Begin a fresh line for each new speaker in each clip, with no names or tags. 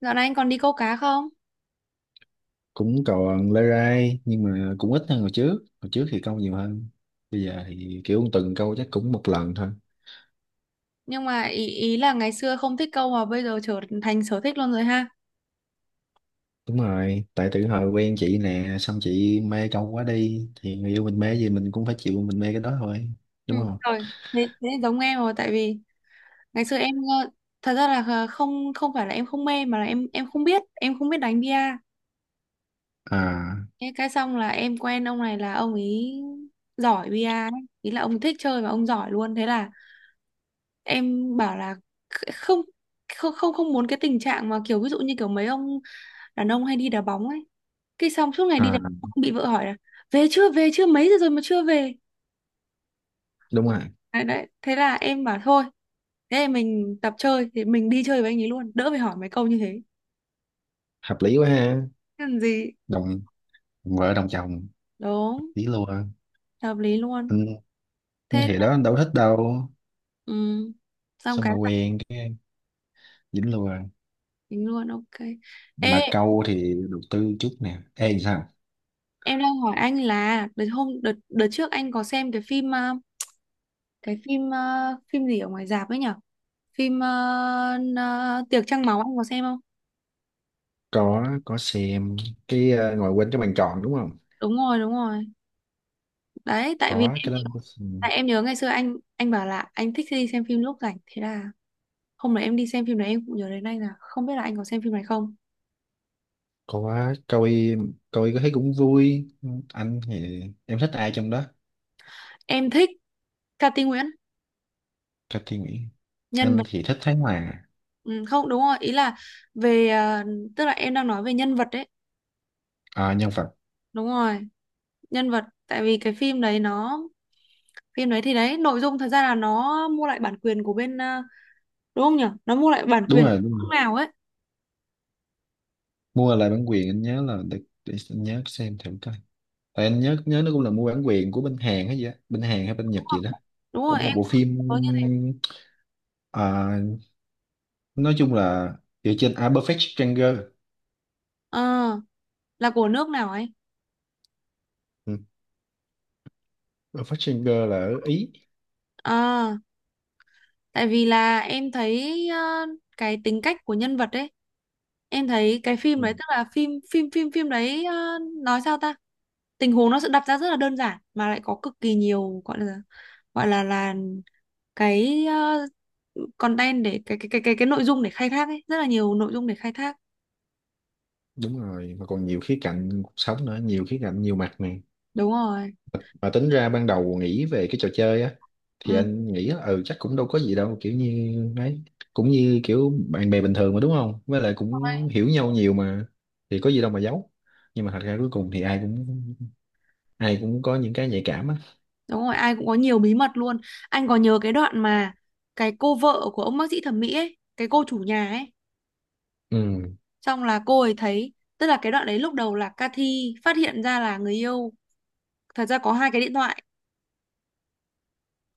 Dạo này anh còn đi câu cá không?
Cũng còn lê rai, nhưng mà cũng ít hơn hồi trước. Hồi trước thì câu nhiều hơn. Bây giờ thì kiểu tuần câu chắc cũng một lần thôi.
Nhưng mà ý ý là ngày xưa không thích câu mà bây giờ trở thành sở thích luôn rồi ha.
Đúng rồi, tại từ hồi quen chị nè, xong chị mê câu quá đi, thì người yêu mình mê gì mình cũng phải chịu, mình mê cái đó thôi. Đúng
Ừ,
không?
rồi. Thế giống em rồi tại vì ngày xưa em ờ, thật ra là không không phải là em không mê mà là em không biết, em không biết đánh bia.
À.
Thế cái xong là em quen ông này là ông ấy giỏi bia ấy. Ý là ông thích chơi và ông giỏi luôn. Thế là em bảo là không không không không muốn cái tình trạng mà kiểu ví dụ như kiểu mấy ông đàn ông hay đi đá bóng ấy cái xong suốt ngày đi đánh
À,
bóng, bị vợ hỏi là về chưa mấy giờ rồi mà chưa về
đúng rồi.
đấy, đấy. Thế là em bảo thôi, thế thì mình tập chơi thì mình đi chơi với anh ấy luôn đỡ phải hỏi mấy câu như thế.
Hợp lý quá ha.
Thế làm gì,
Đồng vợ đồng chồng,
đúng,
lý luôn anh.
hợp lý luôn,
Anh
thế,
thì đó, anh đâu thích đâu.
ừ. Xong
Xong
cái
mà
là
quen cái dính luôn.
tính luôn, ok. Ê,
Mà câu thì đầu tư chút nè. Ê, sao?
em đang hỏi anh là đợt hôm đợt đợt trước anh có xem cái phim cái phim phim gì ở ngoài rạp ấy nhở, phim tiệc trăng máu anh có xem không?
Có xem. Ngồi quên cái bàn tròn đúng không?
Đúng rồi, đúng rồi, đấy. Tại vì
Có cái đó. Ừ, có xem.
tại em nhớ ngày xưa anh bảo là anh thích đi xem phim lúc rảnh, thế là hôm đấy em đi xem phim đấy em cũng nhớ đến anh là không biết là anh có xem phim này không.
Có. Coi. Coi có thấy cũng vui. Anh thì, em thích ai trong đó?
Em thích Cati Nguyễn,
Cho suy nghĩ.
nhân
Anh
vật.
thì thích Thái Hòa.
Ừ, không, đúng rồi, ý là về tức là em đang nói về nhân vật đấy.
À, nhân vật.
Đúng rồi, nhân vật. Tại vì cái phim đấy nó phim đấy thì đấy nội dung thật ra là nó mua lại bản quyền của bên đúng không nhỉ, nó mua lại bản
Đúng
quyền của
rồi, đúng rồi.
nước nào ấy.
Mua lại bản quyền, anh nhớ là, để anh nhớ xem thử coi. Tại anh nhớ, nó cũng là mua bản quyền của bên Hàn hay gì á, bên Hàn hay bên Nhật gì đó.
Đúng rồi,
Cũng
em
một bộ phim.
cũng có như thế.
À, nói chung là dựa trên, Perfect Stranger.
Ờ, là của nước nào ấy.
Ừ. Perfect Stranger là ở Ý.
Ờ, tại vì là em thấy cái tính cách của nhân vật ấy em thấy cái phim
Ừ,
đấy, tức là phim phim phim phim đấy nói sao ta, tình huống nó sẽ đặt ra rất là đơn giản mà lại có cực kỳ nhiều, gọi là gọi là cái content để cái nội dung để khai thác ấy, rất là nhiều nội dung để khai thác.
đúng rồi. Mà còn nhiều khía cạnh cuộc sống nữa, nhiều khía cạnh, nhiều mặt này.
Đúng rồi.
Mà tính ra ban đầu nghĩ về cái trò chơi á, thì
Ừ.
anh nghĩ á, ừ, chắc cũng đâu có gì đâu, kiểu như ấy. Cũng như kiểu bạn bè bình thường mà, đúng không, với lại cũng hiểu nhau nhiều mà, thì có gì đâu mà giấu. Nhưng mà thật ra cuối cùng thì ai cũng, ai cũng có những cái nhạy cảm á.
Đúng rồi, ai cũng có nhiều bí mật luôn. Anh có nhớ cái đoạn mà cái cô vợ của ông bác sĩ thẩm mỹ ấy, cái cô chủ nhà ấy,
Ừ.
xong là cô ấy thấy, tức là cái đoạn đấy lúc đầu là Cathy phát hiện ra là người yêu thật ra có hai cái điện thoại,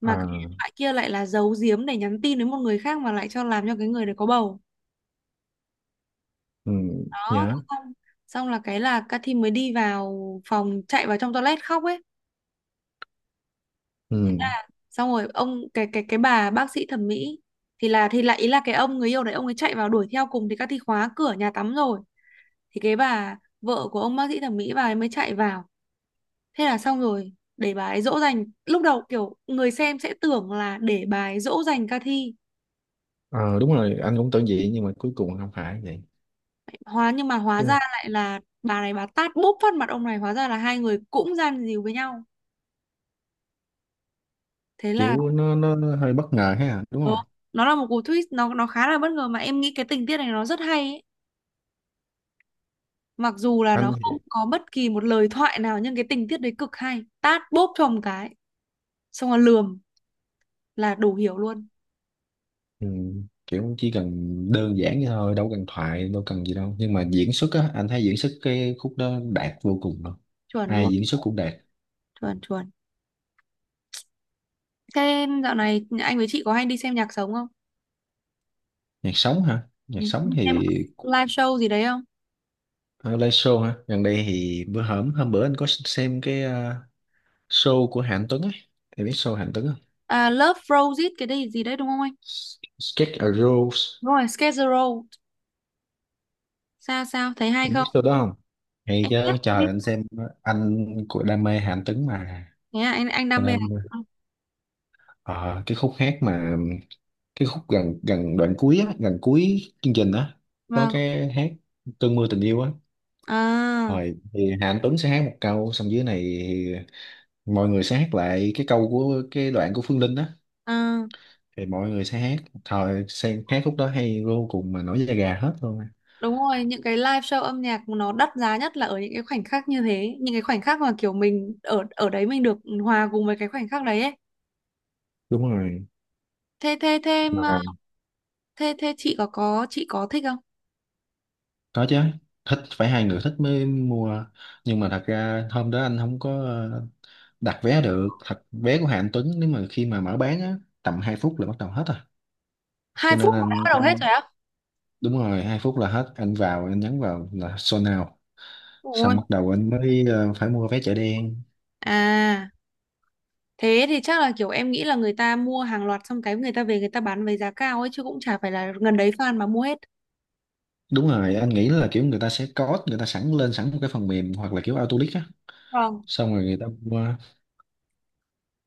mà
À.
cái điện thoại kia lại là giấu giếm để nhắn tin đến một người khác mà lại cho làm cho cái người đấy có bầu.
Ừ.
Đó, thế
Nhớ.
xong xong là cái là Cathy mới đi vào phòng, chạy vào trong toilet khóc ấy.
Ừ.
Xong rồi cái bà bác sĩ thẩm mỹ thì lại, ý là cái ông người yêu đấy ông ấy chạy vào đuổi theo cùng thì Cathy khóa cửa nhà tắm rồi. Thì cái bà vợ của ông bác sĩ thẩm mỹ bà ấy mới chạy vào. Thế là xong rồi, để bà ấy dỗ dành. Lúc đầu kiểu người xem sẽ tưởng là để bà ấy dỗ dành ca thi.
Ờ, đúng rồi, anh cũng tưởng vậy, nhưng mà cuối cùng không phải vậy.
Nhưng mà hóa
Đúng không?
ra lại là bà này bà tát bốp phát mặt ông này, hóa ra là hai người cũng gian díu với nhau. Thế là
Kiểu nó nó hơi bất ngờ ha, đúng
ờ,
không
nó là một cú twist, nó khá là bất ngờ mà em nghĩ cái tình tiết này nó rất hay ấy. Mặc dù là nó không
anh?
có bất kỳ một lời thoại nào nhưng cái tình tiết đấy cực hay. Tát bốp cho một cái, xong rồi lườm là đủ hiểu luôn.
Ừ, kiểu chỉ cần đơn giản vậy thôi, đâu cần thoại, đâu cần gì đâu, nhưng mà diễn xuất á, anh thấy diễn xuất cái khúc đó đạt vô cùng luôn.
Chuẩn
Ai
luôn,
diễn xuất cũng đạt.
chuẩn, chuẩn. Thế dạo này anh với chị có hay đi xem nhạc sống không?
Nhạc sống hả? Nhạc
Ừ.
sống
Em có
thì,
live show gì đấy không?
à, live show hả, gần đây thì bữa hổm, hôm bữa anh có xem cái, show của Hạnh Tuấn ấy. Em biết show Hạnh Tuấn không?
À, Love Frozen cái đấy gì đấy đúng không anh?
Sketch a Rose.
Đúng rồi, Schedule Road. Sao sao thấy hay
Em biết
không?
show đó không? Hay chứ trời, anh xem. Anh của đam mê Hạnh Tuấn mà,
Thế à, anh
cho
đam mê
nên,
à?
à, cái khúc hát mà, cái khúc gần gần đoạn cuối á, gần cuối chương trình á, có
Vâng.
cái hát cơn mưa tình yêu á,
À,
rồi thì Hà Anh Tuấn sẽ hát một câu, xong dưới này thì mọi người sẽ hát lại cái câu của cái đoạn của Phương Linh á,
à,
thì mọi người sẽ hát, thời sẽ hát khúc đó hay vô cùng, mà nổi da gà hết luôn á.
đúng rồi, những cái live show âm nhạc nó đắt giá nhất là ở những cái khoảnh khắc như thế, những cái khoảnh khắc mà kiểu mình ở ở đấy mình được hòa cùng với cái khoảnh khắc đấy ấy.
Đúng rồi
Thế thế thế em,
mà.
thế thế chị có thích không?
Có chứ. Thích phải hai người thích mới mua. Nhưng mà thật ra hôm đó anh không có, đặt vé được. Thật, vé của Hà Anh Tuấn, nếu mà khi mà mở bán á, tầm 2 phút là bắt đầu hết rồi.
Hai
Cho nên
phút đã
anh
bắt đầu hết
cũng,
rồi á?
đúng rồi, 2 phút là hết, anh vào, anh nhấn vào là sold out.
Ôi.
Xong bắt đầu anh mới phải mua vé chợ đen.
À. Thế thì chắc là kiểu em nghĩ là người ta mua hàng loạt xong cái người ta về người ta bán với giá cao ấy chứ cũng chả phải là gần đấy fan mà mua hết.
Đúng rồi, anh nghĩ là kiểu người ta sẽ code, người ta sẵn lên một cái phần mềm, hoặc là kiểu Autolic á,
Vâng.
xong rồi người ta mua.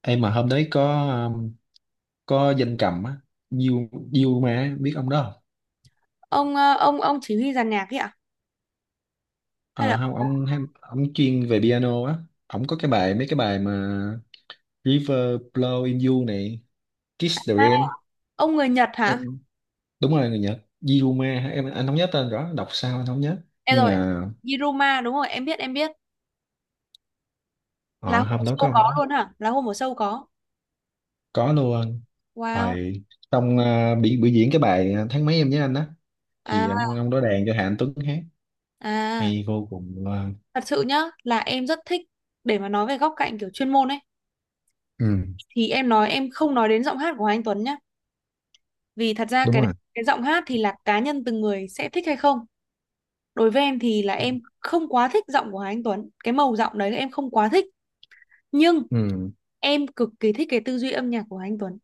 Em mà hôm đấy có, ờ, có danh cầm á, Diêu Diêu, mà biết ông đó?
Ông ông chỉ huy dàn nhạc ấy ạ? Hay là
Ờ không, ông hay- ông chuyên về piano á. Ông có cái bài mấy cái bài mà, River, Blow in You này, Kiss the
à,
Rain.
ông người Nhật hả?
Em, đúng rồi, người Nhật. Yiruma hả? Anh không nhớ tên rõ, đọc sao anh không nhớ,
Em
nhưng
rồi,
mà,
Yiruma đúng rồi, em biết, em biết. Là
ờ,
hôm ở
hôm đó có
show
ông đó.
có luôn hả? Là hôm ở show có.
Có luôn.
Wow.
Rồi. Xong bị biểu diễn cái bài, tháng mấy em nhớ anh á,
À,
thì ông đó đàn cho Hà Anh Tuấn hát.
à,
Hay vô cùng luôn.
thật sự nhá, là em rất thích, để mà nói về góc cạnh kiểu chuyên môn ấy
Ừ.
thì em nói em không nói đến giọng hát của Hoàng Anh Tuấn nhá, vì thật ra
Đúng
cái
rồi.
cái giọng hát thì là cá nhân từng người sẽ thích hay không, đối với em thì là em không quá thích giọng của Hà Anh Tuấn, cái màu giọng đấy em không quá thích, nhưng
Ừ.
em cực kỳ thích cái tư duy âm nhạc của Hà Anh Tuấn,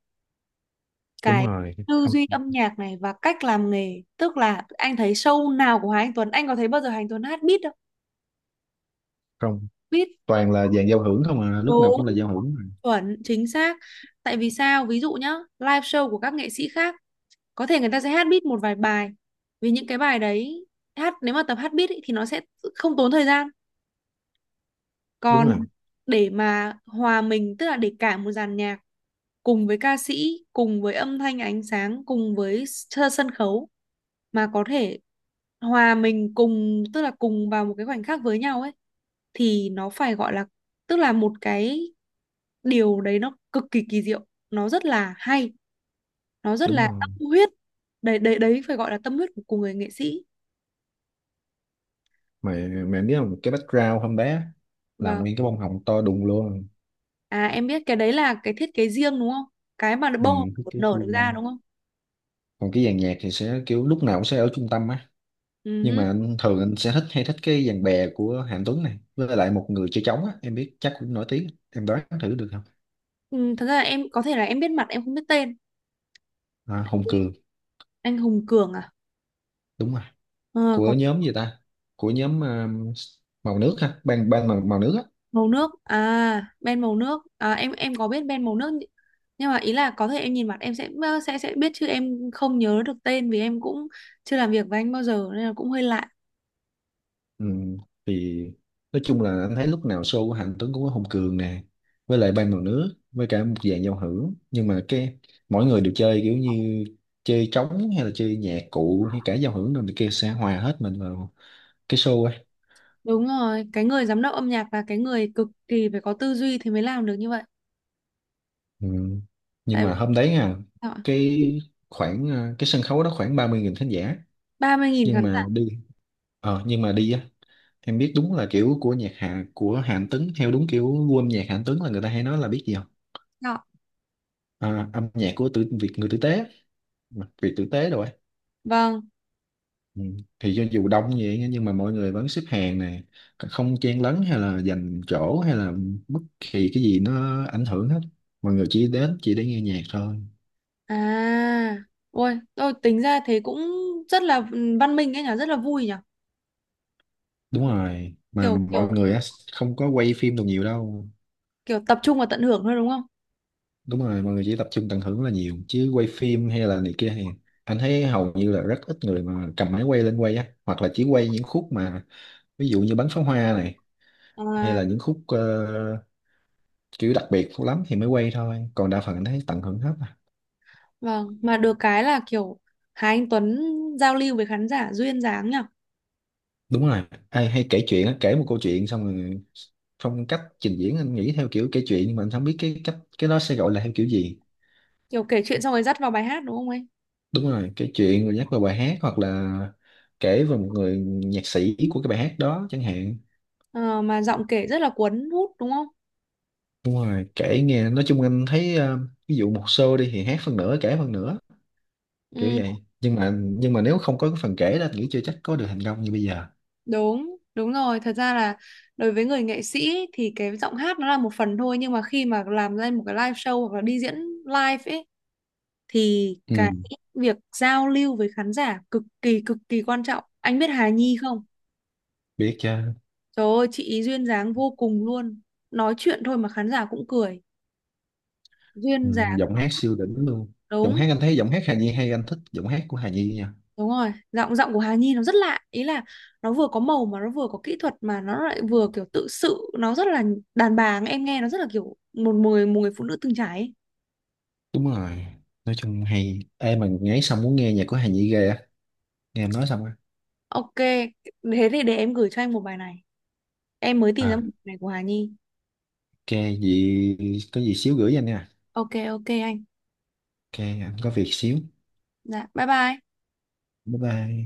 Đúng
cái
rồi.
tư
Không.
duy âm nhạc này và cách làm nghề, tức là anh thấy show nào của Hà Anh Tuấn anh có thấy bao giờ Hà Anh Tuấn hát beat đâu,
Không,
beat.
toàn là dàn giao hưởng không à, lúc nào
Đúng,
cũng là giao hưởng mà.
chuẩn, chính xác. Tại vì sao? Ví dụ nhá, live show của các nghệ sĩ khác, có thể người ta sẽ hát beat một vài bài. Vì những cái bài đấy hát nếu mà tập hát beat ý, thì nó sẽ không tốn thời gian.
Đúng
Còn
rồi,
để mà hòa mình, tức là để cả một dàn nhạc cùng với ca sĩ, cùng với âm thanh ánh sáng, cùng với sân khấu mà có thể hòa mình cùng, tức là cùng vào một cái khoảnh khắc với nhau ấy, thì nó phải gọi là, tức là một cái điều đấy nó cực kỳ kỳ diệu, nó rất là hay, nó rất
đúng
là
rồi
tâm huyết. Đấy, đấy, đấy, phải gọi là tâm huyết của người nghệ sĩ.
mà. Mẹ biết không, cái background hôm bé là
Và
nguyên cái bông hồng to đùng luôn.
à Em biết cái đấy là cái thiết kế riêng đúng không? Cái mà
Ừ.
bông
cái-
nở
cái-
được ra đúng không?
Còn cái dàn nhạc thì sẽ kiểu lúc nào cũng sẽ ở trung tâm á. Nhưng
Ừ.
mà anh thường anh sẽ thích, hay thích cái dàn bè của Hạnh Tuấn này, với lại một người chơi trống á, em biết chắc cũng nổi tiếng. Em đoán thử được không?
Ừ, thật ra là em có thể là em biết mặt em không biết tên.
À, Hùng Cường.
Anh Hùng Cường à?
Đúng rồi.
Ờ,
Của
có,
nhóm gì ta, của nhóm, màu nước ha, ban ban màu, nước á.
màu nước à, Ben màu nước à, em có biết Ben màu nước nhỉ? Nhưng mà ý là có thể em nhìn mặt em sẽ biết chứ em không nhớ được tên vì em cũng chưa làm việc với anh bao giờ nên là cũng hơi lạ.
Ừ, thì nói chung là anh thấy lúc nào show của Hạnh Tuấn cũng có Hùng Cường nè, với lại Ban Mặt Nước, với cả một dàn giao hưởng. Nhưng mà cái mỗi người đều chơi kiểu như chơi trống, hay là chơi nhạc cụ, hay cả giao hưởng rồi này kia, sẽ hòa hết mình vào cái show ấy.
Đúng rồi, cái người giám đốc âm nhạc và cái người cực kỳ phải có tư duy thì mới làm được như vậy.
Ừ. Nhưng
Tại
mà hôm đấy, cái khoảng, cái sân khấu đó khoảng 30.000 khán giả.
30.000
Nhưng
khán giả
mà đi, nhưng mà đi á, em biết đúng là kiểu của nhạc hạ của Hạnh Tuấn, theo đúng kiểu gu âm nhạc Hạnh Tuấn, là người ta hay nói là biết gì,
đó.
à, âm nhạc của tử, Việt người tử tế, Việt tử tế rồi ấy.
Vâng.
Ừ. Thì cho dù đông như vậy nhưng mà mọi người vẫn xếp hàng nè, không chen lấn hay là giành chỗ hay là bất kỳ cái gì nó ảnh hưởng hết. Mọi người chỉ đến chỉ để nghe nhạc thôi.
à Ôi tôi tính ra thế cũng rất là văn minh ấy nhỉ, rất là vui nhỉ.
Đúng rồi, mà
Kiểu
mọi
kiểu
người á, không có quay phim đồ nhiều đâu.
Kiểu tập trung và tận hưởng thôi đúng không?
Đúng rồi, mọi người chỉ tập trung tận hưởng là nhiều, chứ quay phim hay là này kia thì anh thấy hầu như là rất ít người mà cầm máy quay lên quay á, hoặc là chỉ quay những khúc mà, ví dụ như bắn pháo hoa này, hay
À,
là những khúc, kiểu đặc biệt lắm thì mới quay thôi, còn đa phần anh thấy tận hưởng hết à.
vâng, mà được cái là kiểu Hà Anh Tuấn giao lưu với khán giả duyên dáng nhỉ?
Đúng rồi, ai hay kể chuyện á, kể một câu chuyện xong rồi, phong cách trình diễn anh nghĩ theo kiểu kể chuyện, nhưng mà anh không biết cái cách cái đó sẽ gọi là theo kiểu gì.
Kiểu kể chuyện xong rồi dắt vào bài hát đúng không ấy?
Đúng rồi, kể chuyện rồi nhắc vào bài hát, hoặc là kể về một người nhạc sĩ của cái bài hát đó chẳng hạn.
Ờ, mà giọng kể rất là cuốn hút đúng không?
Đúng rồi, kể nghe, nói chung anh thấy, ví dụ một show đi thì hát phần nửa kể phần nửa, kiểu
Ừ,
vậy, nhưng mà nếu không có cái phần kể đó anh nghĩ chưa chắc có được thành công như bây giờ.
đúng, đúng rồi. Thật ra là đối với người nghệ sĩ thì cái giọng hát nó là một phần thôi, nhưng mà khi mà làm lên một cái live show hoặc là đi diễn live ấy thì
Ừ.
cái việc giao lưu với khán giả cực kỳ, cực kỳ quan trọng. Anh biết Hà Nhi không?
Biết chưa.
Trời ơi, chị ý duyên dáng vô cùng luôn. Nói chuyện thôi mà khán giả cũng cười. Duyên
Ừ,
dáng,
giọng hát siêu đỉnh luôn. Giọng
đúng,
hát, anh thấy giọng hát Hà Nhi hay, anh thích giọng hát của Hà Nhi nha.
đúng rồi. Giọng giọng của Hà Nhi nó rất lạ. Ý là nó vừa có màu mà nó vừa có kỹ thuật mà nó lại vừa kiểu tự sự. Nó rất là đàn bà, em nghe nó rất là kiểu một người phụ nữ từng trải ấy.
Đúng rồi. Nói chung hay. Ê mà ngáy xong muốn nghe nhạc của Hà Nhi ghê á, nghe em nói xong á.
Ok, thế thì để em gửi cho anh một bài này. Em mới tìm ra một
À,
bài này của Hà Nhi.
ok. Gì? Có gì xíu gửi cho anh nha.
Ok, ok anh.
Ok, anh có việc xíu.
Dạ, bye bye.
Bye bye.